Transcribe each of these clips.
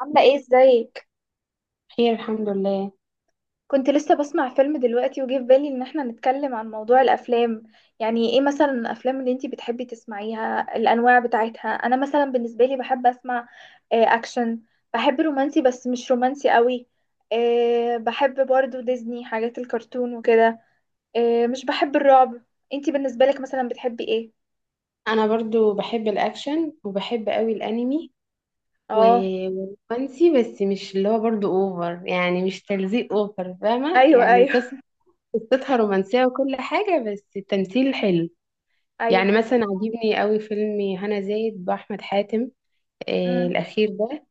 عاملة ايه ازيك؟ خير الحمد لله. كنت لسه بسمع فيلم دلوقتي وجه في بالي ان احنا نتكلم عن موضوع الافلام. يعني ايه مثلا الافلام اللي انتي بتحبي تسمعيها الانواع بتاعتها؟ انا مثلا بالنسبة لي بحب اسمع اكشن. بحب رومانسي بس مش رومانسي قوي. بحب برضو ديزني حاجات الكرتون وكده. مش بحب الرعب. انتي بالنسبة لك مثلا بتحبي ايه؟ انا برضو بحب الاكشن وبحب قوي الانمي و- اه. والرومانسي، بس مش اللي هو برضو اوفر، يعني مش تلزيق اوفر، فاهمه؟ ايوه، يعني ايوه. قصتها رومانسيه وكل حاجه، بس التمثيل حلو. ايوه. يعني مثلا عجبني قوي فيلم هنا زايد باحمد حاتم، امم. الاخير ده،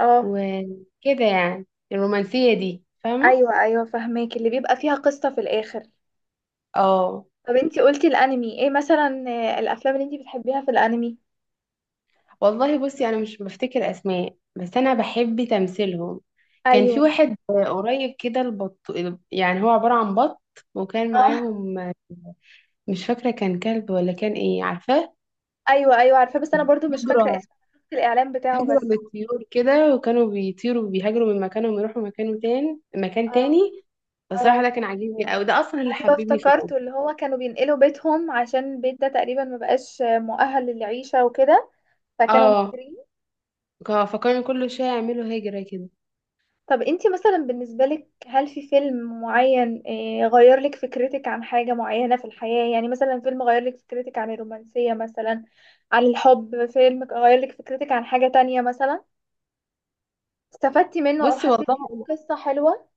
اه. وكده. يعني الرومانسيه دي، فاهمه؟ ايوه، ايوه فهماك، اللي بيبقى فيها قصة في الاخر. اه، طب انتي قلتي الانمي ايه مثلا، الافلام اللي انتي بتحبيها في الانمي؟ والله بصي، انا مش بفتكر اسماء، بس انا بحب تمثيلهم. كان في ايوه. واحد قريب كده، البط، يعني هو عبارة عن بط وكان اه. معاهم. مش فاكرة كان كلب ولا كان ايه، عارفاه؟ ايوه، ايوه عارفاه، بس انا برضو مش فاكره هجرة، اسمه، شفت الاعلان بتاعه هجرة بس. للطيور كده، وكانوا بيطيروا وبيهاجروا من مكانهم يروحوا مكانه تاني، مكان اه. تاني. بصراحة ده اه كان عاجبني أوي، ده أصلا اللي ايوه حببني في افتكرته، الأمر. اللي هو كانوا بينقلوا بيتهم عشان البيت ده تقريبا ما بقاش مؤهل للعيشه وكده، فكانوا اه، مهاجرين. فكانوا كل شوية يعملوا هجرة كده. طب انتي مثلا بالنسبه لك، هل في فيلم معين غير لك فكرتك عن حاجه معينه في الحياه؟ يعني مثلا فيلم غير لك فكرتك عن الرومانسيه مثلا، عن الحب، فيلم غير لك فكرتك عن حاجه تانية مثلا، استفدتي منه او بصي والله، حسيتي إن قصة حلوة؟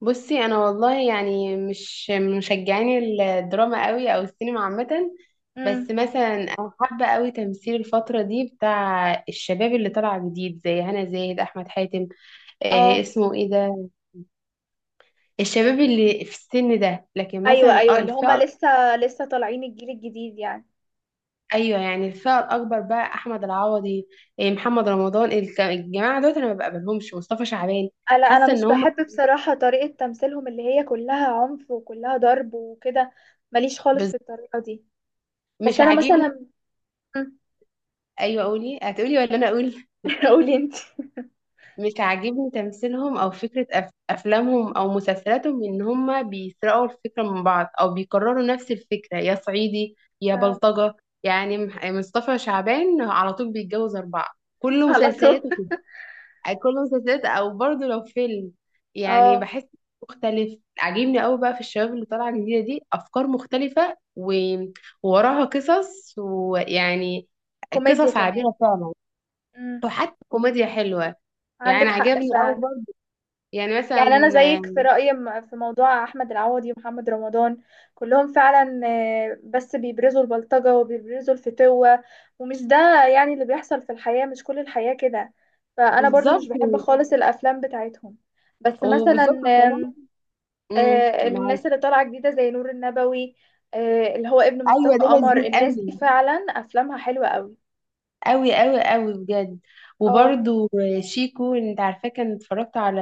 بصي انا والله يعني مش مشجعاني الدراما قوي او السينما عامه. امم. بس مثلا انا حابه قوي تمثيل الفتره دي بتاع الشباب اللي طالع جديد، زي هنا زاهد، احمد حاتم، اه، اسمه ايه ده، الشباب اللي في السن ده. لكن ايوه مثلا ايوه اللي هما لسه لسه طالعين، الجيل الجديد يعني. ايوه، يعني الفئه الاكبر بقى، احمد العوضي، محمد رمضان، الجماعه دول انا ما بقبلهمش، مصطفى شعبان. انا حاسه ان مش هم بحب بصراحة طريقة تمثيلهم، اللي هي كلها عنف وكلها ضرب وكده، ماليش خالص بز- في الطريقة دي. بس مش انا عاجبني. مثلا. مم. ايوه قولي، هتقولي ولا انا اقول؟ قولي انت. مش عاجبني تمثيلهم او فكرة افلامهم او مسلسلاتهم، ان هما بيسرقوا الفكرة من بعض او بيكرروا نفس الفكرة، يا صعيدي يا آه، بلطجة. يعني مصطفى شعبان على طول بيتجوز اربعة، كل على طول. مسلسلاته كده، كل مسلسلات او برضه لو فيلم. يعني اه. بحس مختلف. عاجبني قوي بقى في الشباب اللي طالعة جديدة دي، افكار مختلفة و... ووراها قصص، ويعني كوميديا قصص كمان. عابرة فعلا، امم. وحتى كوميديا حلوة. يعني عندك حق عجبني فعلا. قوي. يعني مثلا يعني انا زيك في رايي، في موضوع احمد العوضي ومحمد رمضان، كلهم فعلا بس بيبرزوا البلطجه وبيبرزوا الفتوه، ومش ده يعني اللي بيحصل في الحياه، مش كل الحياه كده، فانا برضو مش بالظبط، بحب خالص الافلام بتاعتهم. بس مثلا وبالظبط كمان. آم، امم، معاك. الناس اللي طالعه جديده زي نور النبوي، اللي هو ابن مصطفى ايوه ده قمر، لذيذ الناس دي قوي، فعلا افلامها حلوه قوي. قوي قوي بجد. اه. وبرده شيكو، انت عارفاه؟ كان اتفرجت على،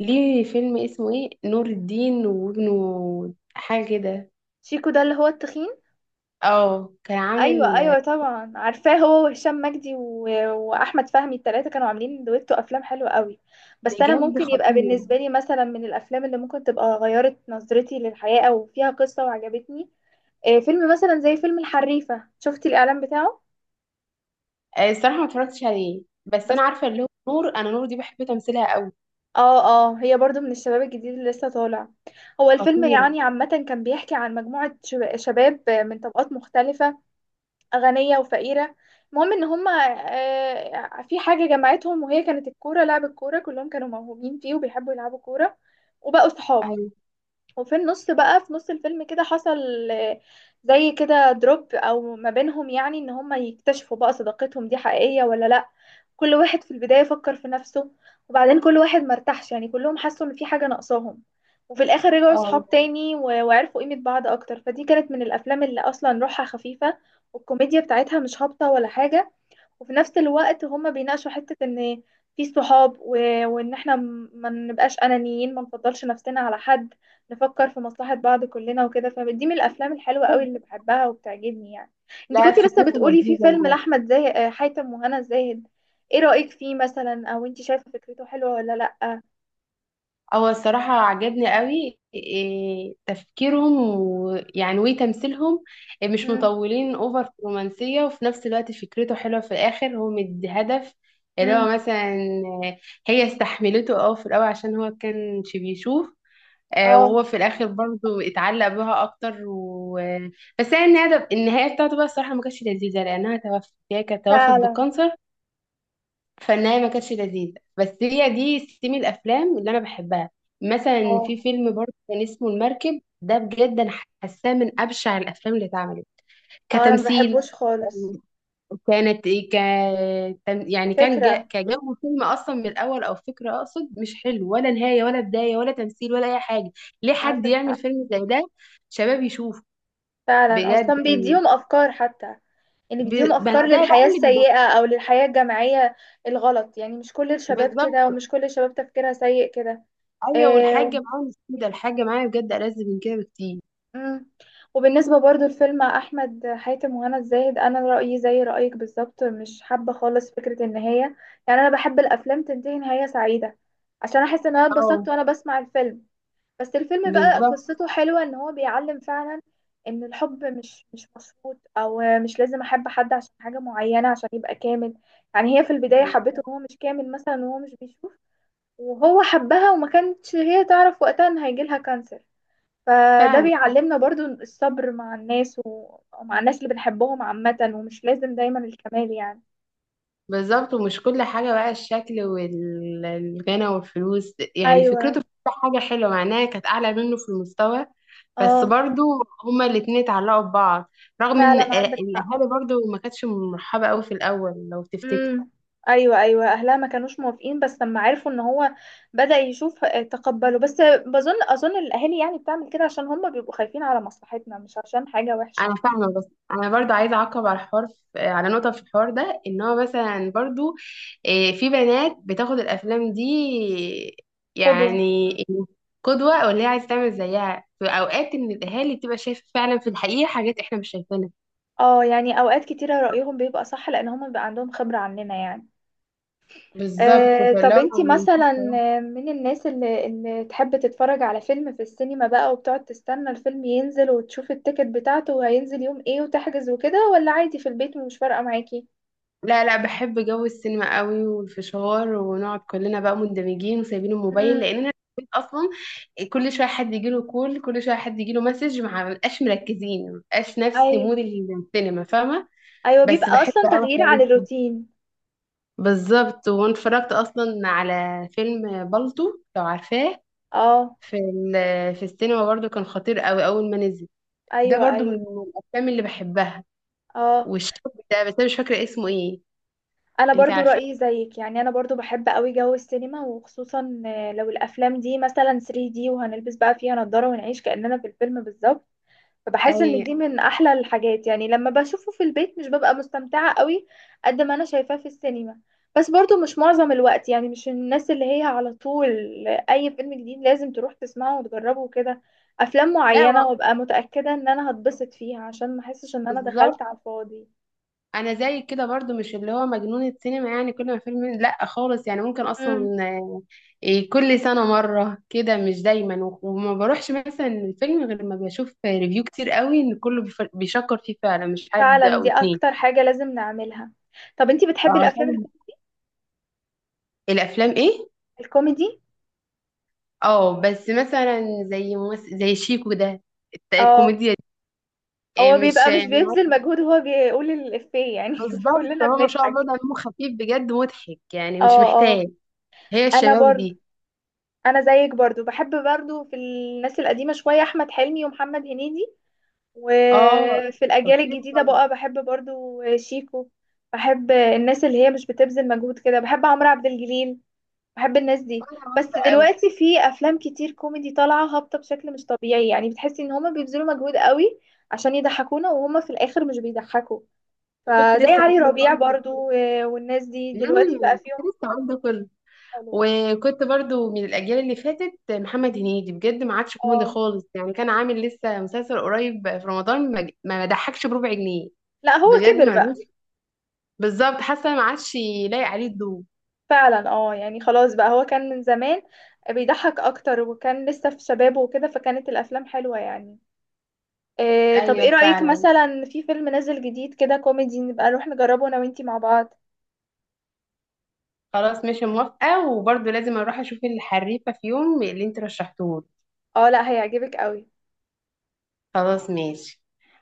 ليه، فيلم اسمه ايه، نور الدين وابنه، حاجه كده. شيكو ده اللي هو التخين؟ اه كان ايوه، عامل ايوه طبعا عارفاه، هو وهشام مجدي واحمد فهمي، التلاتة كانوا عاملين دويتو افلام حلوه قوي. بس انا بجد ممكن يبقى خطير. بالنسبه لي، مثلا من الافلام اللي ممكن تبقى غيرت نظرتي للحياه او فيها قصه وعجبتني، فيلم مثلا زي فيلم الحريفه، شفتي الاعلان بتاعه؟ الصراحه ما اتفرجتش عليه، بس بس. انا عارفه اللي هو نور، انا نور دي بحب تمثيلها قوي. اه. اه، هي برضو من الشباب الجديد اللي لسه طالع. هو الفيلم خطيره. يعني عامه كان بيحكي عن مجموعه شباب من طبقات مختلفه، غنية وفقيرة، المهم ان هما في حاجة جمعتهم، وهي كانت الكورة، لعب الكورة، كلهم كانوا موهوبين فيه وبيحبوا يلعبوا كورة، وبقوا صحاب. ايوه. وفي النص بقى، في نص الفيلم كده، حصل زي كده دروب او ما بينهم، يعني ان هما يكتشفوا بقى صداقتهم دي حقيقية ولا لا. كل واحد في البداية فكر في نفسه، وبعدين كل واحد مرتاحش، يعني كلهم حسوا ان في حاجة ناقصاهم. وفي الاخر رجعوا اه، صحاب تاني، وعرفوا قيمة بعض اكتر، فدي كانت من الافلام اللي اصلا روحها خفيفة، والكوميديا بتاعتها مش هابطة ولا حاجة. وفي نفس الوقت هما بيناقشوا حتة ان في صحاب، وان احنا ما نبقاش انانيين، ما نفضلش نفسنا على حد، نفكر في مصلحة بعض كلنا وكده، فدي من الافلام الحلوة قوي اللي بحبها وبتعجبني يعني. انت لا كنتي لسه فكرته بتقولي في فيلم لذيذه. لاحمد زاهد حاتم وهنا زاهد، ايه رأيك فيه مثلا؟ او انت شايفة فكرته حلوة ولا لا؟ هو الصراحة عجبني قوي إيه تفكيرهم، ويعني وتمثيلهم، إيه، مش امم. مطولين اوفر في الرومانسية، وفي نفس الوقت فكرته حلوة في الآخر، هو مدي هدف. اللي امم. هو مثلا، آه، هي استحملته، اه، في الأول عشان هو كانش بيشوف، اه. وهو في الآخر برضه اتعلق بها أكتر و... آه، بس هي النهاية، النهاية بتاعته بقى الصراحة ما كانتش لذيذة، لأنها توفت، هي كانت توفت فعلا. بالكانسر. فالنهاية ما كانتش لذيذة، بس هي دي ستيم الأفلام اللي أنا بحبها. مثلا اه. في فيلم برضه كان اسمه المركب، ده بجد أنا حاساه من أبشع الأفلام اللي اتعملت، اه انا ما كتمثيل، بحبوش خالص كانت إيه، ك يعني كان فكرة. كجو فيلم أصلا من الأول، أو فكرة أقصد، مش حلو، ولا نهاية ولا بداية ولا تمثيل ولا أي حاجة. ليه حد عندك. يعمل فيلم زي ده، شباب يشوف؟ فعلا بجد. اصلا بيديهم افكار حتى، يعني ب... بيديهم ما افكار ده بقى للحياة اللي، السيئة او للحياة الجامعية الغلط، يعني مش كل الشباب كده، بالظبط. ومش كل الشباب تفكيرها سيء كده. أيوه، آه و- والحاجة معايا مش كده، الحاجة معايا بجد ألذ من كده بكتير. مم. وبالنسبة برضو لفيلم احمد حاتم وهنا الزاهد، انا رأيي زي رأيك بالظبط، مش حابة خالص فكرة النهاية، يعني انا بحب الافلام تنتهي نهاية سعيدة عشان احس ان انا اتبسطت اه وانا بسمع الفيلم. بس الفيلم بقى بالظبط. قصته حلوة، ان هو بيعلم فعلا ان الحب مش مشروط، او مش لازم احب حد عشان حاجة معينة عشان يبقى كامل. يعني هي في البداية حبته وهو مش كامل مثلا، وهو مش بيشوف، وهو حبها وما كانتش هي تعرف وقتها ان هيجيلها كانسر. فده فعلا بيعلمنا برضو الصبر مع الناس، ومع الناس اللي بنحبهم عامة، ومش لازم دايما الكمال يعني. بالظبط. ومش كل حاجة بقى الشكل والغنى والفلوس، يعني ايوه. فكرته في كل حاجة حلوة، مع انها كانت أعلى منه في المستوى. بس اه برضو هما الاتنين اتعلقوا ببعض، رغم ان فعلا عندك حق. الأهالي برضو ما كانتش مرحبة قوي في الأول، لو تفتكر. امم. ايوه، ايوه اهلها ما كانوش موافقين، بس لما عرفوا ان هو بدأ يشوف تقبلوا، بس بظن اظن الاهالي يعني بتعمل كده عشان هم بيبقوا خايفين على مصلحتنا، مش عشان حاجة وحشة. انا فاهمه، بس انا برضو عايزه اعقب على الحوار على نقطه في الحوار ده، ان هو مثلا برضو، إيه، في بنات بتاخد الافلام دي، قدوة. يعني قدوه، او اللي هي عايزه تعمل زيها. في اوقات ان الاهالي بتبقى شايفه فعلا في الحقيقه حاجات احنا مش شايفينها، اه يعني اوقات كتيرة رأيهم بيبقى صح، لان هم بيبقى عندهم خبرة عننا يعني. بالظبط. آه فاللي طب انتي هو، مثلا من الناس اللي تحب تتفرج على فيلم في السينما بقى، وبتقعد تستنى الفيلم ينزل وتشوف التيكت بتاعته وهينزل يوم ايه وتحجز وكده؟ ولا عادي في البيت ومش فارقة معاكي؟ لا لا بحب جو السينما قوي، والفشار، ونقعد كلنا بقى مندمجين وسايبين الموبايل، امم. لان انا في البيت اصلا كل شويه حد يجي له كول، كل شويه حد يجي له مسج، ما بنبقاش مركزين، ما بنبقاش نفس ايوه، مود السينما، فاهمه؟ ايوه بس بيبقى بحب اصلا قوي تغيير حوار عن السينما. الروتين. بالظبط. وانا اتفرجت اصلا على فيلم بالطو، لو عارفاه، اه. في في السينما برضو، كان خطير قوي اول ما نزل. ده ايوه، برضو من ايوه. الافلام اللي بحبها، اه والشاب ده، بس انا مش فاكره اسمه ايه، انا انت برضو عارفه؟ رايي زيك، يعني انا برضو بحب قوي جو السينما، وخصوصا لو الافلام دي مثلا 3D وهنلبس بقى فيها نضاره ونعيش كاننا في الفيلم بالظبط. فبحس ان اي. دي من احلى الحاجات، يعني لما بشوفه في البيت مش ببقى مستمتعة قوي قد ما انا شايفاه في السينما. بس برضو مش معظم الوقت، يعني مش الناس اللي هي على طول اي فيلم جديد لازم تروح تسمعه وتجربه وكده، افلام لا و- معينة وابقى متأكدة ان انا هتبسط فيها عشان ما احسش ان انا بالظبط، دخلت على الفاضي. انا زي كده برضو، مش اللي هو مجنون السينما، يعني كل ما فيلم لا خالص، يعني ممكن اصلا، امم. إيه، كل سنه مره كده، مش دايما وما بروحش مثلا الفيلم غير لما بشوف ريفيو كتير قوي ان كله بيشكر فيه فعلا، مش حد فعلا او دي اتنين. اكتر حاجة لازم نعملها. طب انتي بتحبي الافلام عشان الافلام، ايه؟ الكوميدي؟ اه، بس مثلا زي ممثل زي شيكو ده، اه الكوميديا دي، هو إيه، مش بيبقى مش يعني، بيبذل مجهود وهو بيقول الإفيه يعني، بالظبط. كلنا هو ما شاء الله بنضحك. دمه خفيف، بجد مضحك، يعني مش اه. محتاج. اه. هي انا الشباب برضو، دي. انا زيك برضو بحب برضو في الناس القديمه شويه، احمد حلمي ومحمد هنيدي، اه وفي الاجيال خطير. الجديده بقى بحب برضو شيكو. بحب الناس اللي هي مش بتبذل مجهود كده، بحب عمرو عبد الجليل، بحب الناس دي. وانا بس برضه قوي. دلوقتي في افلام كتير كوميدي طالعه هابطه بشكل مش طبيعي، يعني بتحسي ان هما بيبذلوا مجهود قوي عشان يضحكونا وهما في الاخر مش بيضحكوا، وكنت فزي لسه علي هقول لك ربيع برضه. برضو والناس دي دلوقتي بقى امم، كنت فيهم. لسه هقول ده كله. حلوه. وكنت برضه من الاجيال اللي فاتت محمد هنيدي، بجد ما عادش كوميدي اه خالص. يعني كان عامل لسه مسلسل قريب في رمضان، ما ضحكش بربع جنيه. لا، هو بجد كبر ملوش. بقى. بالظبط، حاسه ما عادش لايق عليه الضوء. فعلا، اه يعني خلاص بقى، هو كان من زمان بيضحك اكتر وكان لسه في شبابه وكده، فكانت الافلام حلوة يعني. إيه، طب ايه ايوه رأيك فعلا. مثلا في فيلم نازل جديد كده كوميدي، نبقى نروح نجربه انا وانتي مع بعض؟ خلاص ماشي موافقه، وبرضه لازم اروح اشوف الحريفه في يوم اللي انت رشحتهولي. اه لا، هيعجبك قوي. خلاص ماشي.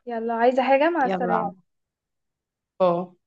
يلا، عايزة حاجة؟ مع السلامة. يلا، باي.